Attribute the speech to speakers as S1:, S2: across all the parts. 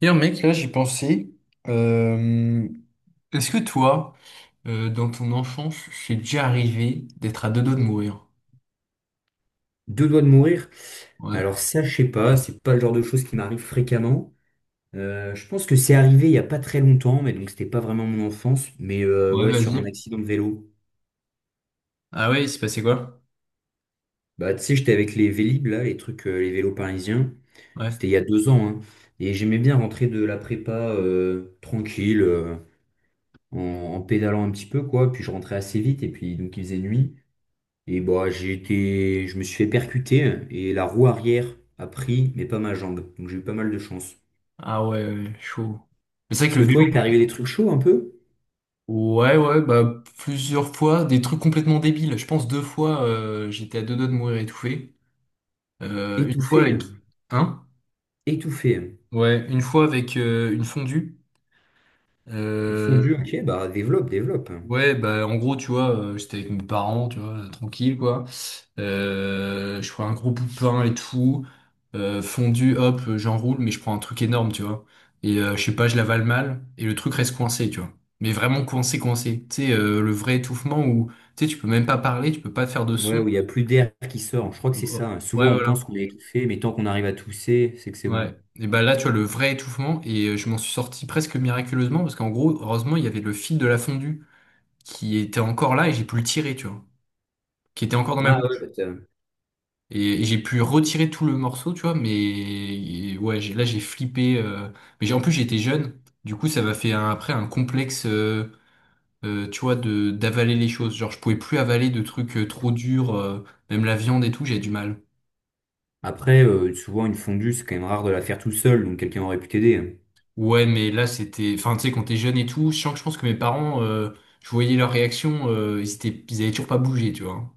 S1: D'ailleurs, mec, là, j'y pensais. Euh, Est-ce que toi, dans ton enfance, c'est déjà arrivé d'être à deux doigts de mourir?
S2: Deux doigts de mourir.
S1: Ouais.
S2: Alors ça, je sais pas, c'est pas le genre de choses qui m'arrive fréquemment. Je pense que c'est arrivé il y a pas très longtemps, mais donc c'était pas vraiment mon enfance, mais
S1: Ouais,
S2: ouais, sur un
S1: vas-y.
S2: accident de vélo.
S1: Ah ouais, il s'est passé quoi?
S2: Bah tu sais, j'étais avec les Vélib là, les trucs, les vélos parisiens.
S1: Ouais.
S2: C'était il y a 2 ans, hein. Et j'aimais bien rentrer de la prépa, tranquille, en pédalant un petit peu, quoi. Puis je rentrais assez vite, et puis donc il faisait nuit. Et bah j'ai été, je me suis fait percuter, et la roue arrière a pris, mais pas ma jambe. Donc j'ai eu pas mal de chance.
S1: Ah ouais, ouais, chaud. Mais c'est vrai
S2: Parce
S1: que
S2: que
S1: le
S2: toi,
S1: vélo.
S2: il t'est arrivé des trucs chauds un peu?
S1: Ouais, ouais, bah plusieurs fois, des trucs complètement débiles. Je pense deux fois, j'étais à deux doigts de mourir étouffé. Une fois
S2: Étouffé,
S1: avec.
S2: hein.
S1: Hein?
S2: Étouffé, hein.
S1: Ouais, une fois avec une fondue.
S2: Une
S1: Euh,
S2: fondue, ok, bah développe, développe.
S1: ouais, bah en gros, tu vois, j'étais avec mes parents, tu vois, tranquille, quoi. Je prends un gros bout de pain et tout. Fondu, hop, j'enroule, mais je prends un truc énorme, tu vois. Et je sais pas, je l'avale mal et le truc reste coincé, tu vois. Mais vraiment coincé, coincé. Tu sais, le vrai étouffement où tu sais, tu peux même pas parler, tu peux pas faire de
S2: Ouais,
S1: son.
S2: où il n'y a plus d'air qui sort,
S1: Oh,
S2: je crois que
S1: oh,
S2: c'est ça,
S1: oh.
S2: hein.
S1: Ouais,
S2: Souvent, on pense
S1: voilà.
S2: qu'on est étouffé, mais tant qu'on arrive à tousser, c'est que c'est bon.
S1: Ouais. Et bah là, tu vois, le vrai étouffement, et je m'en suis sorti presque miraculeusement, parce qu'en gros, heureusement, il y avait le fil de la fondue qui était encore là et j'ai pu le tirer, tu vois. Qui était encore dans ma
S2: Ah ouais, bah,
S1: bouche. Et j'ai pu retirer tout le morceau, tu vois, mais et ouais, là j'ai flippé. Mais en plus j'étais jeune, du coup ça m'a fait après un complexe, tu vois, de d'avaler les choses. Genre je pouvais plus avaler de trucs trop durs, même la viande et tout, j'ai du mal.
S2: après, souvent, une fondue, c'est quand même rare de la faire tout seul, donc quelqu'un aurait pu t'aider, hein.
S1: Ouais, mais là c'était, enfin tu sais, quand t'es jeune et tout, je sens que je pense que mes parents, je voyais leur réaction, ils étaient, ils avaient toujours pas bougé, tu vois.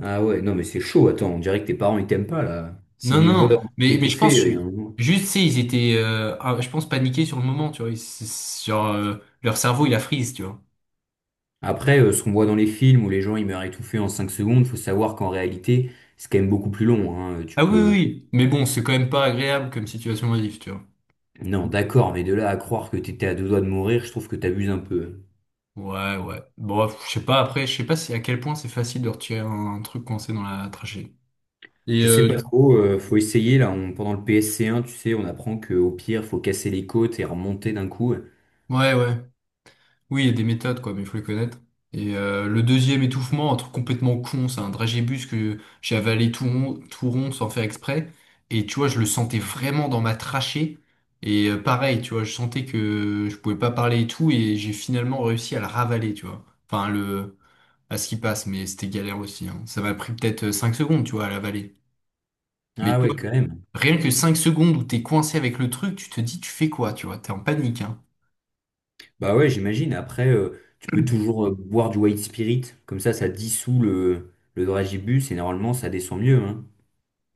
S2: Ah ouais, non, mais c'est chaud, attends, on dirait que tes parents, ils t'aiment pas, là.
S1: Non,
S2: S'ils voient
S1: non, mais je
S2: étouffé,
S1: pense
S2: il y a un moment.
S1: juste, c'est ils étaient, ah, je pense paniqués sur le moment, tu vois, genre leur cerveau il a freeze, tu vois.
S2: Après, ce qu'on voit dans les films où les gens, ils meurent étouffés en 5 secondes, faut savoir qu'en réalité, c'est quand même beaucoup plus long, hein. Tu
S1: Ah oui, oui,
S2: peux...
S1: oui. Mais bon, c'est quand même pas agréable comme situation modif, tu vois.
S2: Non, d'accord, mais de là à croire que t'étais à deux doigts de mourir, je trouve que t'abuses un peu.
S1: Ouais, ouais. Bon, pff, je sais pas, après, je sais pas si à quel point c'est facile de retirer un truc coincé dans la trachée. Et
S2: Je sais pas trop, faut essayer là, pendant le PSC1, tu sais, on apprend que au pire, faut casser les côtes et remonter d'un coup.
S1: ouais, ouais. Oui, il y a des méthodes, quoi, mais il faut les connaître. Et le deuxième étouffement, un truc complètement con, c'est un dragébus que j'ai avalé tout rond sans faire exprès. Et tu vois, je le sentais vraiment dans ma trachée. Et pareil, tu vois, je sentais que je pouvais pas parler et tout, et j'ai finalement réussi à le ravaler, tu vois. Enfin, le, à ce qui passe, mais c'était galère aussi. Hein. Ça m'a pris peut-être 5 secondes, tu vois, à la vallée. Mais
S2: Ah
S1: toi,
S2: ouais, quand même.
S1: rien que 5 secondes où t'es coincé avec le truc, tu te dis, tu fais quoi, tu vois, t'es en panique, hein.
S2: Bah ouais, j'imagine, après, tu peux toujours boire du white spirit, comme ça dissout le dragibus et normalement, ça descend mieux, hein.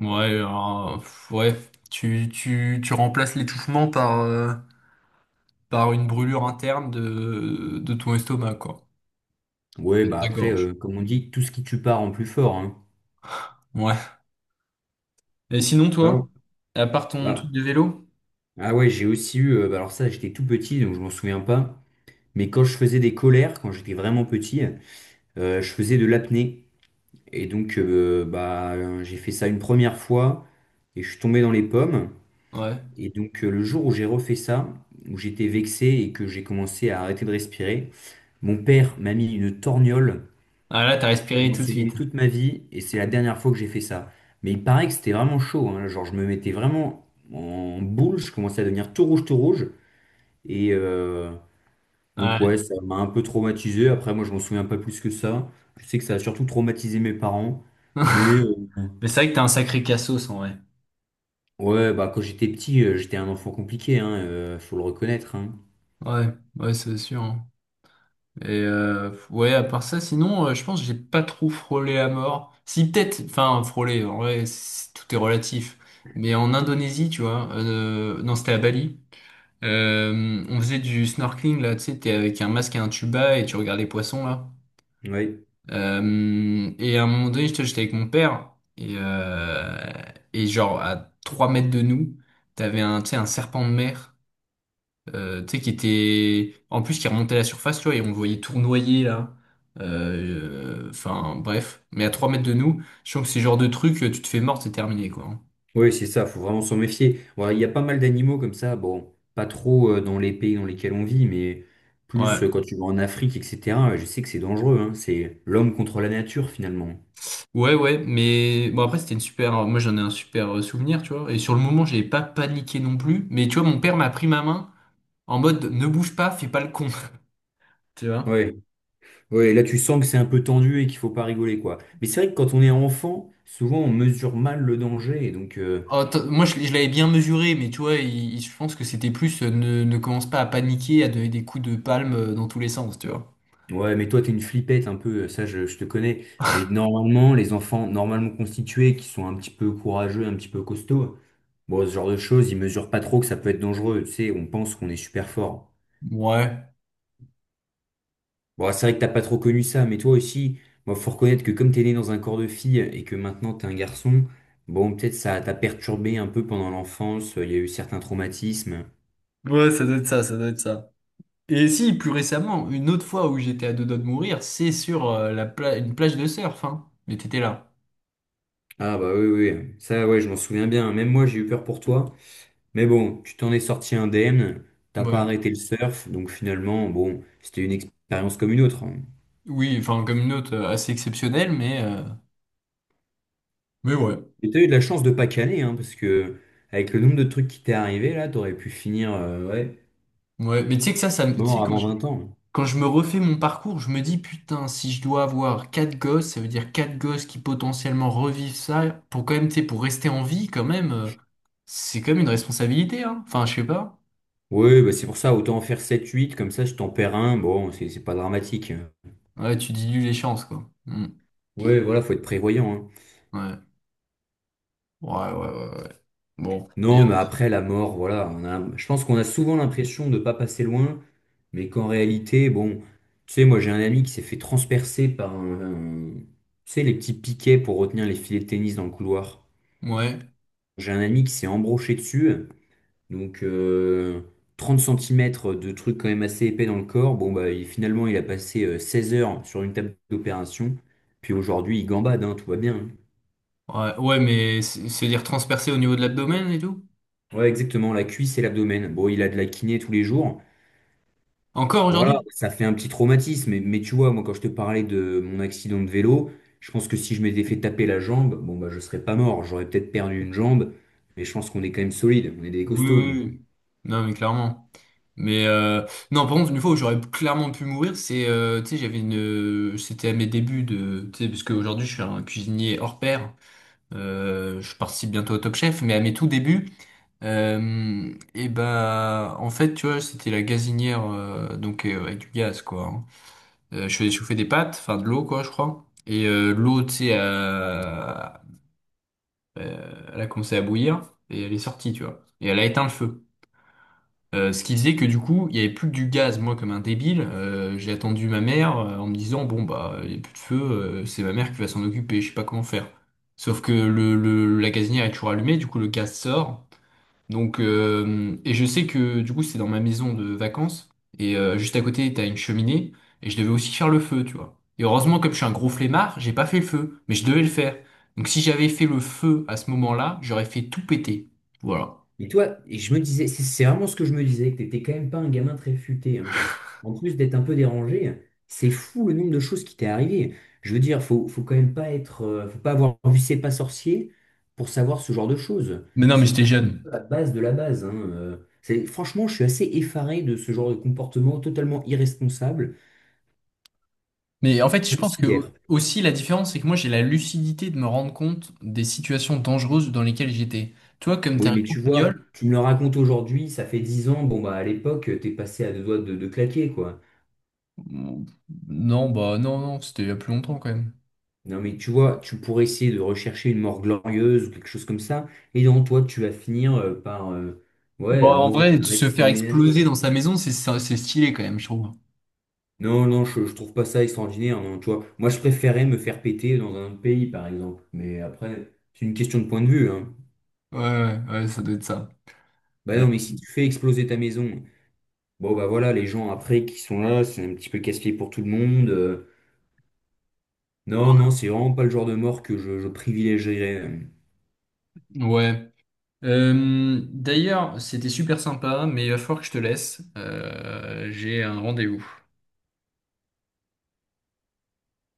S1: Ouais, alors, pff, ouais, tu remplaces l'étouffement par, par une brûlure interne de ton estomac, quoi.
S2: Ouais,
S1: Et de
S2: bah
S1: ta
S2: après,
S1: gorge.
S2: comme on dit, tout ce qui tue part en plus fort, hein.
S1: Ouais. Et sinon, toi,
S2: Non.
S1: à part ton
S2: Bah,
S1: truc de vélo?
S2: ah ouais, j'ai aussi eu, bah alors ça, j'étais tout petit, donc je m'en souviens pas, mais quand je faisais des colères, quand j'étais vraiment petit, je faisais de l'apnée et donc j'ai fait ça une première fois et je suis tombé dans les pommes.
S1: Ouais.
S2: Et donc le jour où j'ai refait ça, où j'étais vexé et que j'ai commencé à arrêter de respirer, mon père m'a mis une torgnole
S1: Ah là, t'as
S2: pour que je
S1: respiré
S2: m'en
S1: tout de
S2: souviens
S1: suite.
S2: toute ma vie et c'est la dernière fois que j'ai fait ça. Mais il paraît que c'était vraiment chaud, hein. Genre je me mettais vraiment en boule, je commençais à devenir tout rouge, tout rouge. Et, euh, Donc ouais,
S1: Ouais.
S2: ça m'a un peu traumatisé. Après, moi, je m'en souviens pas plus que ça. Je sais que ça a surtout traumatisé mes parents. Mais euh,
S1: Mais c'est vrai que t'as un sacré cassos, en vrai.
S2: ouais, bah quand j'étais petit, j'étais un enfant compliqué, hein, faut le reconnaître, hein.
S1: Ouais, ouais, c'est sûr. Hein. Et ouais, à part ça, sinon, je pense que j'ai pas trop frôlé à mort. Si peut-être, enfin frôlé, en vrai, c'est- tout est relatif. Mais en Indonésie, tu vois, non, c'était à Bali. On faisait du snorkeling là, tu sais, t'es avec un masque et un tuba et tu regardes les poissons là.
S2: Ouais.
S1: Et à un moment donné, j'étais avec mon père et euh, et genre à 3 mètres de nous, t'avais un, tu sais, un serpent de mer tu sais, qui était, en plus, qui remontait à la surface, tu vois, et on le voyait tournoyer, là. Enfin, bref. Mais à 3 mètres de nous, je trouve que ces genre de truc tu te fais mort, c'est terminé, quoi. Hein.
S2: Ouais, c'est ça, faut vraiment s'en méfier. Ouais, il y a pas mal d'animaux comme ça, bon, pas trop dans les pays dans lesquels on vit, mais
S1: Ouais.
S2: plus quand tu vas en Afrique, etc. Je sais que c'est dangereux, hein. C'est l'homme contre la nature finalement.
S1: Ouais, ouais, mais bon, après, c'était une super, moi, j'en ai un super souvenir, tu vois. Et sur le moment, j'ai pas paniqué non plus. Mais tu vois, mon père m'a pris ma main en mode, ne bouge pas, fais pas le con. Tu vois?
S2: Ouais. Ouais, là tu sens que c'est un peu tendu et qu'il faut pas rigoler quoi. Mais c'est vrai que quand on est enfant, souvent on mesure mal le danger et donc,
S1: Oh, moi, je l'avais bien mesuré, mais tu vois, je pense que c'était plus ne commence pas à paniquer, à donner des coups de palme dans tous les sens, tu vois.
S2: ouais, mais toi t'es une flippette un peu, ça je te connais. Mais normalement les enfants normalement constitués qui sont un petit peu courageux, un petit peu costauds, bon ce genre de choses, ils mesurent pas trop que ça peut être dangereux. Tu sais, on pense qu'on est super fort.
S1: Ouais.
S2: Bon c'est vrai que t'as pas trop connu ça, mais toi aussi, moi faut reconnaître que comme t'es né dans un corps de fille et que maintenant t'es un garçon, bon peut-être ça t'a perturbé un peu pendant l'enfance, il y a eu certains traumatismes.
S1: Ouais, ça doit être ça, ça doit être ça. Et si, plus récemment, une autre fois où j'étais à deux doigts de mourir, c'est sur une plage de surf, hein. Mais t'étais là.
S2: Ah bah oui, oui, oui. Ça ouais, je m'en souviens bien. Même moi, j'ai eu peur pour toi. Mais bon, tu t'en es sorti indemne, t'as pas
S1: Ouais.
S2: arrêté le surf, donc finalement, bon, c'était une expérience comme une autre, hein.
S1: Oui, enfin, comme une autre assez exceptionnelle, mais ouais.
S2: Et t'as eu de la chance de pas caler, hein, parce que avec le nombre de trucs qui t'est arrivé, là, t'aurais pu finir ouais,
S1: Ouais. Mais tu sais que ça me... tu sais,
S2: mort avant 20 ans.
S1: quand je me refais mon parcours, je me dis, putain, si je dois avoir quatre gosses, ça veut dire quatre gosses qui potentiellement revivent ça, pour quand même, tu sais, pour rester en vie, quand même, c'est quand même une responsabilité, hein. Enfin, je sais pas.
S2: Oui, bah c'est pour ça, autant en faire sept huit comme ça je t'en perds un, bon, c'est pas dramatique, hein.
S1: Ouais, tu dilues les chances, quoi. Mm.
S2: Ouais, voilà, faut être prévoyant, hein.
S1: Ouais. Ouais, ouais, ouais. Ouais. Bon.
S2: Non, mais après la mort, voilà, on a, je pense qu'on a souvent l'impression de ne pas passer loin, mais qu'en réalité, bon, tu sais, moi j'ai un ami qui s'est fait transpercer tu sais, les petits piquets pour retenir les filets de tennis dans le couloir.
S1: Ouais,
S2: J'ai un ami qui s'est embroché dessus, donc 30 cm de trucs quand même assez épais dans le corps. Bon, bah, finalement, il a passé 16 heures sur une table d'opération, puis aujourd'hui, il gambade, hein, tout va bien.
S1: ouais, ouais, mais c'est- se dire transpercer au niveau de l'abdomen et tout?
S2: Ouais, exactement, la cuisse et l'abdomen. Bon, il a de la kiné tous les jours.
S1: Encore aujourd'hui?
S2: Voilà, ça fait un petit traumatisme. Mais tu vois, moi, quand je te parlais de mon accident de vélo, je pense que si je m'étais fait taper la jambe, bon, bah, je serais pas mort. J'aurais peut-être perdu une jambe, mais je pense qu'on est quand même solide. On est des
S1: Oui,
S2: costauds,
S1: oui,
S2: nous.
S1: oui. Non, mais clairement. Mais non, par contre, une fois où j'aurais clairement pu mourir, c'est, tu sais, j'avais une, c'était à mes débuts de, tu sais, parce qu'aujourd'hui je suis un cuisinier hors pair, je participe bientôt au Top Chef, mais à mes tout débuts, et ben, en fait, tu vois, c'était la gazinière, donc avec du gaz, quoi. Hein. Je faisais chauffer des pâtes, enfin de l'eau quoi, je crois. Et l'eau, tu sais, elle a commencé à bouillir et elle est sortie, tu vois. Et elle a éteint le feu. Ce qui faisait que du coup, il n'y avait plus que du gaz. Moi, comme un débile, j'ai attendu ma mère en me disant, bon bah, il n'y a plus de feu, c'est ma mère qui va s'en occuper, je sais pas comment faire. Sauf que la gazinière est toujours allumée, du coup le gaz sort. Donc, et je sais que du coup, c'est dans ma maison de vacances. Et juste à côté, t'as une cheminée. Et je devais aussi faire le feu, tu vois. Et heureusement, comme je suis un gros flemmard, j'ai pas fait le feu. Mais je devais le faire. Donc, si j'avais fait le feu à ce moment-là, j'aurais fait tout péter. Voilà.
S2: Et toi, et je me disais, c'est vraiment ce que je me disais, que t'étais quand même pas un gamin très futé, hein. En plus d'être un peu dérangé, c'est fou le nombre de choses qui t'est arrivé. Je veux dire, faut quand même pas être, faut pas avoir vu C'est pas sorcier pour savoir ce genre de choses.
S1: Mais non, mais
S2: C'est
S1: j'étais
S2: quand
S1: jeune.
S2: même la base de la base, hein, C'est, franchement, je suis assez effaré de ce genre de comportement totalement irresponsable,
S1: Mais en fait, je pense que
S2: considère.
S1: aussi la différence, c'est que moi, j'ai la lucidité de me rendre compte des situations dangereuses dans lesquelles j'étais. Toi, comme t'es
S2: Oui,
S1: un
S2: mais
S1: gros
S2: tu vois,
S1: guignol,
S2: tu me le racontes aujourd'hui, ça fait 10 ans, bon bah à l'époque, t'es passé à deux doigts de claquer, quoi.
S1: non, bah non, non, c'était il y a plus longtemps quand même.
S2: Non, mais tu vois, tu pourrais essayer de rechercher une mort glorieuse ou quelque chose comme ça, et dans toi, tu vas finir par
S1: Bon,
S2: ouais,
S1: en
S2: mourir
S1: vrai,
S2: d'un
S1: se faire
S2: accident
S1: exploser
S2: ménager.
S1: dans sa maison, c'est stylé quand même, je trouve.
S2: Non, non, je trouve pas ça extraordinaire, non, tu vois. Moi, je préférais me faire péter dans un autre pays, par exemple. Mais après, c'est une question de point de vue, hein.
S1: Ouais, ouais, ouais, ça doit être ça.
S2: Bah
S1: Euh,
S2: non, mais si tu fais exploser ta maison, bon, bah voilà, les gens après qui sont là, c'est un petit peu casse-pied pour tout le monde. Non, non, c'est vraiment pas le genre de mort que je privilégierais.
S1: Ouais. D'ailleurs, c'était super sympa, mais il va falloir que je te laisse. J'ai un rendez-vous.